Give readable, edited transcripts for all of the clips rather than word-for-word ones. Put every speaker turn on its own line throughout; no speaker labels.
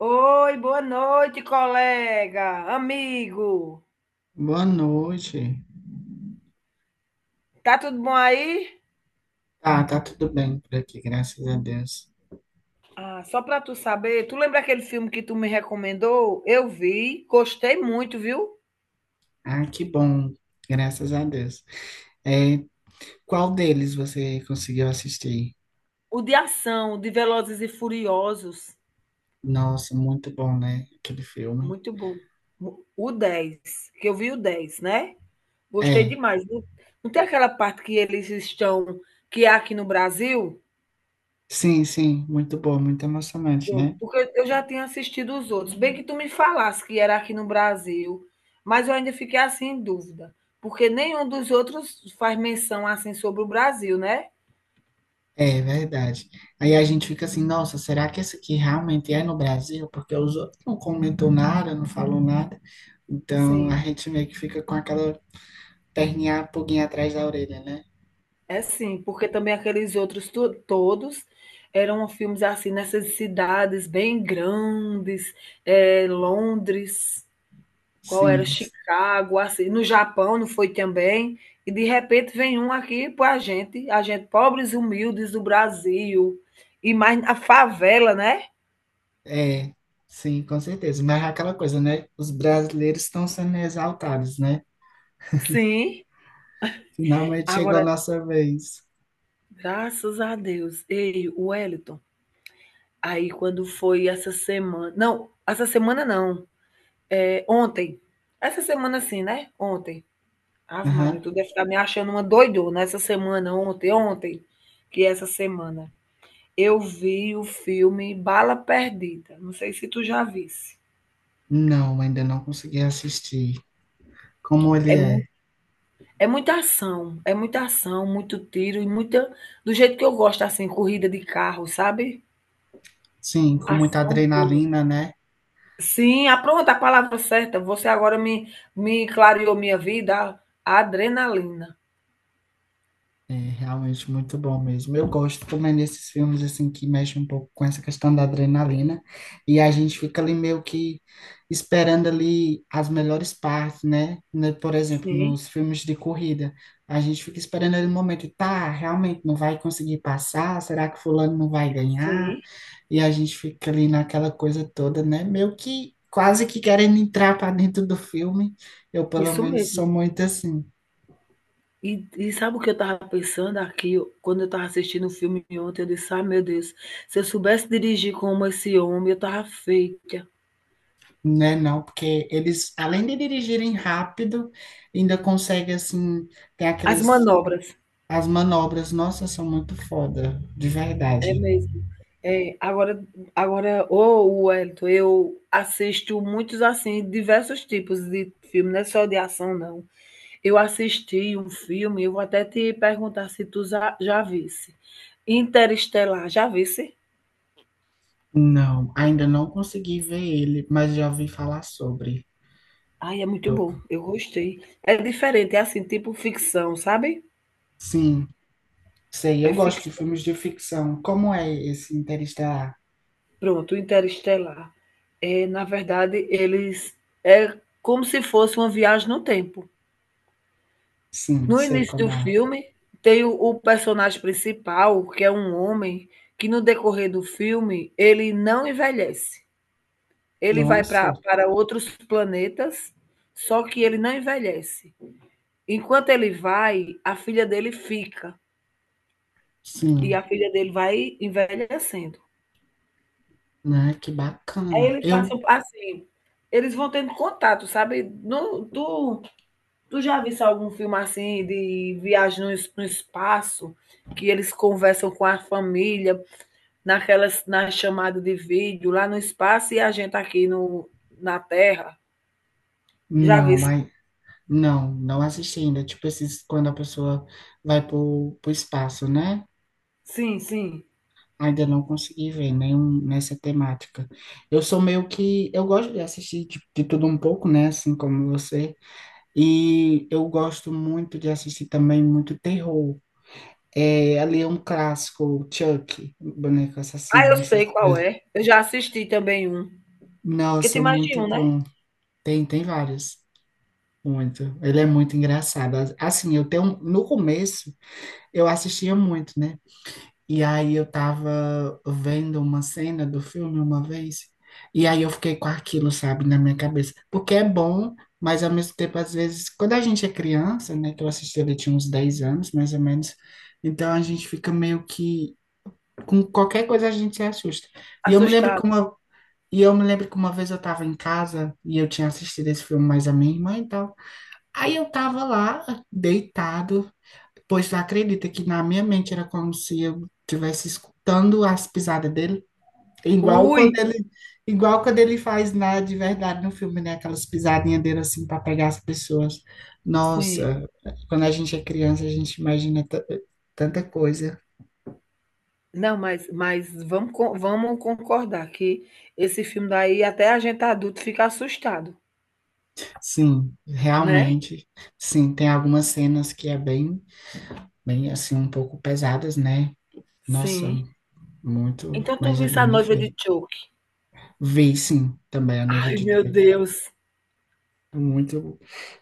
Oi, boa noite, colega, amigo.
Boa noite.
Tá tudo bom aí?
Tá, tá tudo bem por aqui, graças a Deus.
Ah, só para tu saber, tu lembra aquele filme que tu me recomendou? Eu vi, gostei muito, viu?
Ah, que bom, graças a Deus. É, qual deles você conseguiu assistir?
O de ação, de Velozes e Furiosos,
Nossa, muito bom, né? Aquele filme.
muito bom. O 10, que eu vi o 10, né? Gostei
É,
demais. Não não tem aquela parte que eles estão, que é aqui no Brasil?
sim, sim, muito bom, muito emocionante,
Pronto,
né?
porque eu já tinha assistido os outros. Bem que tu me falasse que era aqui no Brasil, mas eu ainda fiquei assim em dúvida, porque nenhum dos outros faz menção assim sobre o Brasil, né?
É verdade. Aí a gente fica assim, nossa, será que esse aqui realmente é no Brasil? Porque os outros não comentou nada, não falou nada. Então a
Sim,
gente meio que fica com aquela perninha, pulguinha atrás da orelha, né?
é sim, porque também aqueles outros todos eram filmes assim nessas cidades bem grandes, é Londres. Qual era?
Sim.
Chicago, assim, no Japão não foi também. E de repente vem um aqui para a gente pobres e humildes do Brasil. E mais na favela, né?
É, sim, com certeza. Mas é aquela coisa, né? Os brasileiros estão sendo exaltados, né?
Sim.
Finalmente chegou a
Agora,
nossa vez.
graças a Deus. Ei, o Wellington, aí quando foi essa semana. Não, essa semana não. É, ontem. Essa semana sim, né? Ontem. Ave Maria,
Aham.
tu deve estar me achando uma doidona essa semana, ontem, ontem, que é essa semana. Eu vi o filme Bala Perdida, não sei se tu já visse.
Não, ainda não consegui assistir. Como ele
É mu
é?
é muita ação, muito tiro e muita do jeito que eu gosto, assim, corrida de carro, sabe.
Sim, com muita
Ação pura.
adrenalina, né?
Sim, ah, pronto, a palavra certa, você agora me clareou minha vida, a adrenalina.
É realmente muito bom mesmo. Eu gosto como é nesses filmes assim que mexe um pouco com essa questão da adrenalina e a gente fica ali meio que esperando ali as melhores partes, né? Né, por exemplo,
Sim,
nos filmes de corrida, a gente fica esperando ali o momento, tá, realmente não vai conseguir passar, será que fulano não vai ganhar?
sim,
E a gente fica ali naquela coisa toda, né? Meio que quase que querendo entrar para dentro do filme. Eu pelo
isso
menos sou
mesmo.
muito assim.
E sabe o que eu estava pensando aqui, quando eu estava assistindo o filme ontem, eu disse: ah meu Deus, se eu soubesse dirigir como esse homem, eu estava feita".
Né, não, porque eles, além de dirigirem rápido, ainda conseguem, assim, tem
As
aquelas,
manobras,
as manobras, nossa, são muito foda, de
é
verdade.
mesmo. É, agora, agora, ô Wellington, eu assisto muitos assim, diversos tipos de filme, não é só de ação, não. Eu assisti um filme, eu vou até te perguntar se tu já, já visse. Interestelar, já visse?
Não, ainda não consegui ver ele, mas já ouvi falar sobre.
Ai, é muito
Eu,
bom, eu gostei. É diferente, é assim, tipo ficção, sabe?
sim, sei,
É
eu gosto de
ficção.
filmes de ficção. Como é esse Interestelar?
Pronto, Interestelar. É, na verdade, eles. É como se fosse uma viagem no tempo.
Sim,
No
sei
início do
como é.
filme, tem o personagem principal, que é um homem, que no decorrer do filme, ele não envelhece. Ele vai
Nossa,
pra para outros planetas, só que ele não envelhece. Enquanto ele vai, a filha dele fica, e
sim,
a filha dele vai envelhecendo.
né, que
Aí
bacana.
ele passa
Eu,
assim, eles vão tendo contato, sabe. No tu tu já visse algum filme assim de viagem no espaço, que eles conversam com a família naquelas na chamada de vídeo lá no espaço e a gente aqui no, na Terra. Já vi.
não, mas não, não assisti ainda. Tipo, esses, quando a pessoa vai pro espaço, né?
Sim, sim.
Ainda não consegui ver nenhum nessa temática. Eu sou meio que. Eu gosto de assistir de tudo um pouco, né? Assim como você. E eu gosto muito de assistir também muito terror. É, ali é um clássico, Chuck, boneco
Ah,
assassino.
eu
Não sei se
sei
você-
qual
já-
é. Eu já assisti também um. Porque tem
Nossa,
mais de
muito
um, né?
bom. Tem vários. Muito. Ele é muito engraçado. Assim, eu tenho. No começo, eu assistia muito, né? E aí eu tava vendo uma cena do filme uma vez, e aí eu fiquei com aquilo, sabe, na minha cabeça. Porque é bom, mas ao mesmo tempo, às vezes, quando a gente é criança, né, que eu assisti, ele tinha uns 10 anos, mais ou menos, então a gente fica meio que, com qualquer coisa a gente se assusta. E eu me lembro que
Assustado.
uma, e eu me lembro que uma vez eu tava em casa, e eu tinha assistido esse filme mais a minha irmã e tal, aí eu tava lá, deitado, pois tu acredita que na minha mente era como se eu estivesse escutando as pisadas dele? Igual
Ui!
quando ele, igual quando ele faz na, de verdade no filme, né? Aquelas pisadinhas dele assim para pegar as pessoas.
Sim.
Nossa, quando a gente é criança, a gente imagina tanta coisa.
Não, mas vamos, vamos concordar que esse filme daí, até a gente adulto fica assustado,
Sim,
né?
realmente. Sim, tem algumas cenas que é bem, bem assim, um pouco pesadas, né? Nossa,
Sim.
muito,
Então tu
mas é
viste A
bem
Noiva de
difícil.
Choke.
Vi, sim, também a noiva
Ai,
de
meu
Tira
Deus.
Muito.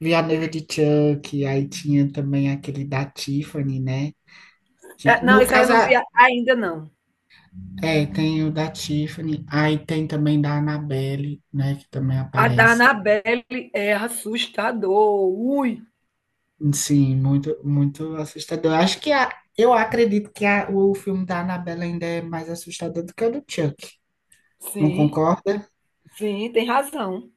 Vi a noiva de Chuck, aí tinha também aquele da Tiffany, né?
É, não,
No
isso aí eu
caso,
não vi ainda não.
é, tem o da Tiffany, aí tem também da Annabelle, né? Que também
A da
aparece.
Anabelle é assustador. Ui,
Sim, muito, muito assustador. Eu acredito que o filme da Annabelle ainda é mais assustador do que o do Chuck. Não
sim,
concorda?
sim, tem razão.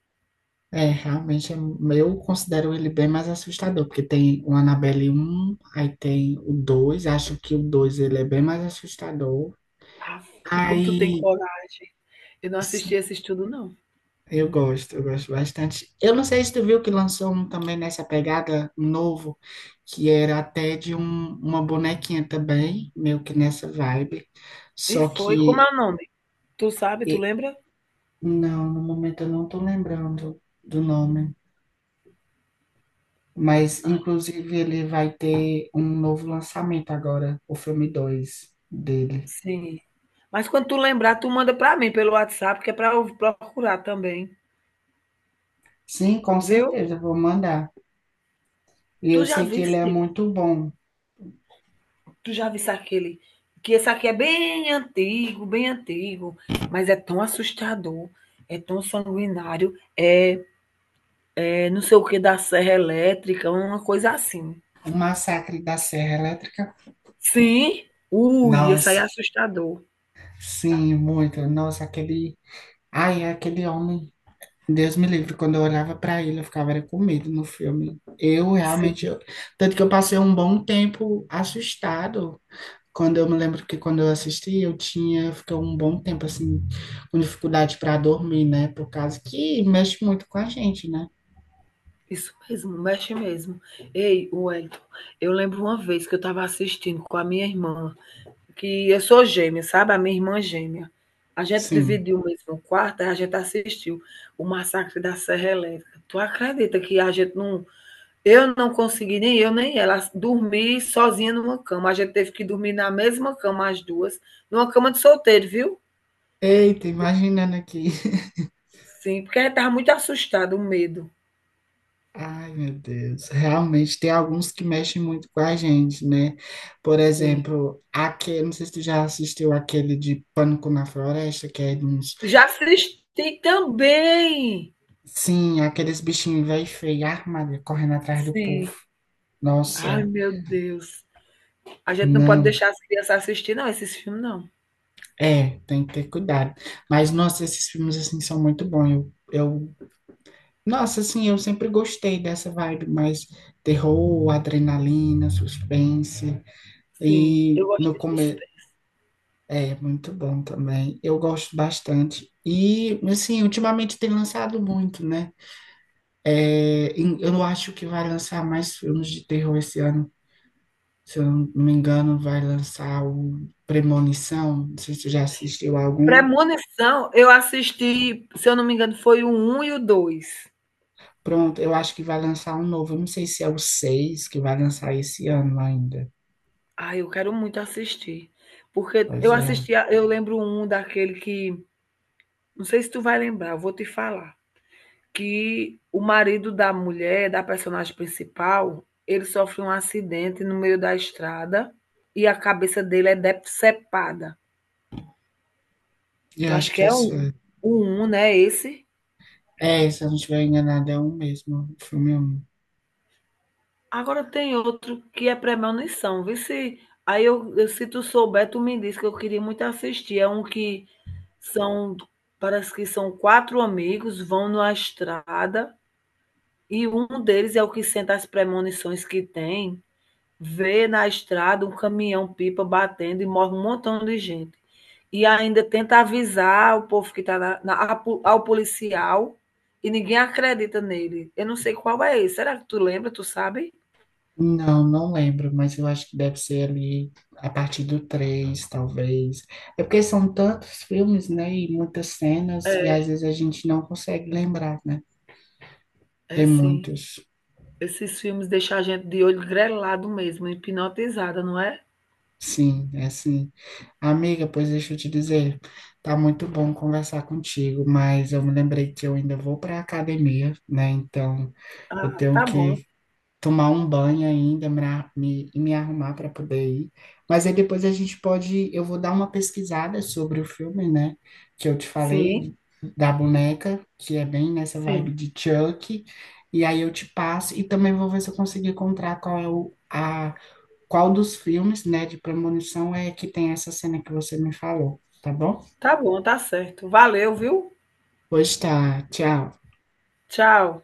É, realmente, eu considero ele bem mais assustador, porque tem o Annabelle um aí tem o 2 acho que o 2 ele é bem mais assustador,
Ah, como tu tem
Aí
coragem. Eu não
s-
assisti esse estudo, não.
eu gosto bastante. Eu não sei se tu viu que lançou um também nessa pegada novo, que era até de uma bonequinha também, meio que nessa vibe.
E
Só
foi, como
que
é o nome? Tu sabe, tu
e-
lembra?
não, no momento eu não tô lembrando do nome. Mas, inclusive, ele vai ter um novo lançamento agora, o filme 2 dele.
Sim. Mas quando tu lembrar, tu manda para mim pelo WhatsApp, que é para eu procurar também,
Sim, com
viu?
certeza, eu vou mandar. E eu
Tu já
sei que ele é
viste?
muito bom.
Tu já viste aquele, que esse aqui é bem antigo, mas é tão assustador, é tão sanguinário, é é não sei o que da serra elétrica, uma coisa assim.
O Massacre da Serra Elétrica.
Sim? Ui, isso aí é
Nossa,
assustador.
sim, muito. Nossa, aquele. Ai, é aquele homem. Deus me livre. Quando eu olhava pra ele, eu ficava era com medo no filme. Eu realmente.
Sim,
Tanto que eu passei um bom tempo assustado. Quando eu me lembro que quando eu assisti, eu tinha. Eu fiquei um bom tempo, assim, com dificuldade para dormir, né? Por causa que mexe muito com a gente, né?
isso mesmo, mexe mesmo. Ei, Wellington, eu lembro uma vez que eu estava assistindo com a minha irmã, que eu sou gêmea, sabe? A minha irmã gêmea. A gente
Sim.
dividiu o mesmo quarto, aí a gente assistiu o Massacre da Serra Elétrica. Tu acredita que a gente não. Eu não consegui, nem eu, nem ela, dormir sozinha numa cama. A gente teve que dormir na mesma cama, as duas, numa cama de solteiro, viu?
Eita, imaginando aqui.
Sim, porque ele estava muito assustado, o medo.
Ai, meu Deus, realmente tem alguns que mexem muito com a gente, né? Por
Sim.
exemplo, aquele, não sei se tu já assistiu aquele de Pânico na Floresta, que é de uns,
Já assisti também.
sim, aqueles bichinhos velho e feio, armado correndo atrás do povo.
Sim. Ai,
Nossa,
meu Deus. A gente não pode
não,
deixar as crianças assistir, não, esses filmes, não.
é, tem que ter cuidado. Mas, nossa, esses filmes, assim, são muito bons. Eu, nossa, assim, eu sempre gostei dessa vibe, mais terror, adrenalina, suspense.
Sim, eu
E
gosto
no
de
come
suspense.
É muito bom também. Eu gosto bastante. E, assim, ultimamente tem lançado muito, né? É, eu acho que vai lançar mais filmes de terror esse ano. Se eu não me engano, vai lançar o Premonição. Não sei se você já assistiu algum.
Premonição, eu assisti, se eu não me engano, foi o um e o dois.
Pronto, eu acho que vai lançar um novo. Eu não sei se é o 6 que vai lançar esse ano ainda.
Ai, eu quero muito assistir. Porque
Pois
eu
é.
assisti, eu lembro um daquele que. Não sei se tu vai lembrar, eu vou te falar. Que o marido da mulher, da personagem principal, ele sofre um acidente no meio da estrada e a cabeça dele é decepada.
Eu
Eu acho
acho
que
que eu
é o
sei.
1, né, esse.
É, se eu não estiver enganado, é um mesmo. O filme 1.
Agora tem outro que é Premonição, vê se aí eu se tu souber, tu me diz que eu queria muito assistir, é um que são parece que são 4 amigos, vão numa estrada e um deles é o que senta as premonições que tem. Vê na estrada um caminhão-pipa batendo e morre um montão de gente. E ainda tenta avisar o povo que está policial e ninguém acredita nele. Eu não sei qual é esse. Será que tu lembra? Tu sabe?
Não, não lembro, mas eu acho que deve ser ali a partir do 3, talvez. É porque são tantos filmes, né, e muitas cenas, e
É
às vezes a gente não consegue lembrar, né?
é
Tem
sim.
muitos.
Esses filmes deixam a gente de olho grelado mesmo, hipnotizada, não é?
Sim, é assim. Amiga, pois deixa eu te dizer, tá muito bom conversar contigo, mas eu me lembrei que eu ainda vou para a academia, né? Então eu
Ah,
tenho
tá bom.
que tomar um banho ainda, e me arrumar para poder ir. Mas aí depois a gente pode, eu vou dar uma pesquisada sobre o filme, né? Que eu te
Sim,
falei da boneca, que é bem nessa
sim.
vibe de Chuck. E aí eu te passo e também vou ver se eu consigo encontrar qual é o, a, qual dos filmes, né, de premonição é que tem essa cena que você me falou, tá bom?
Tá bom, tá certo. Valeu, viu?
Pois tá, tchau.
Tchau.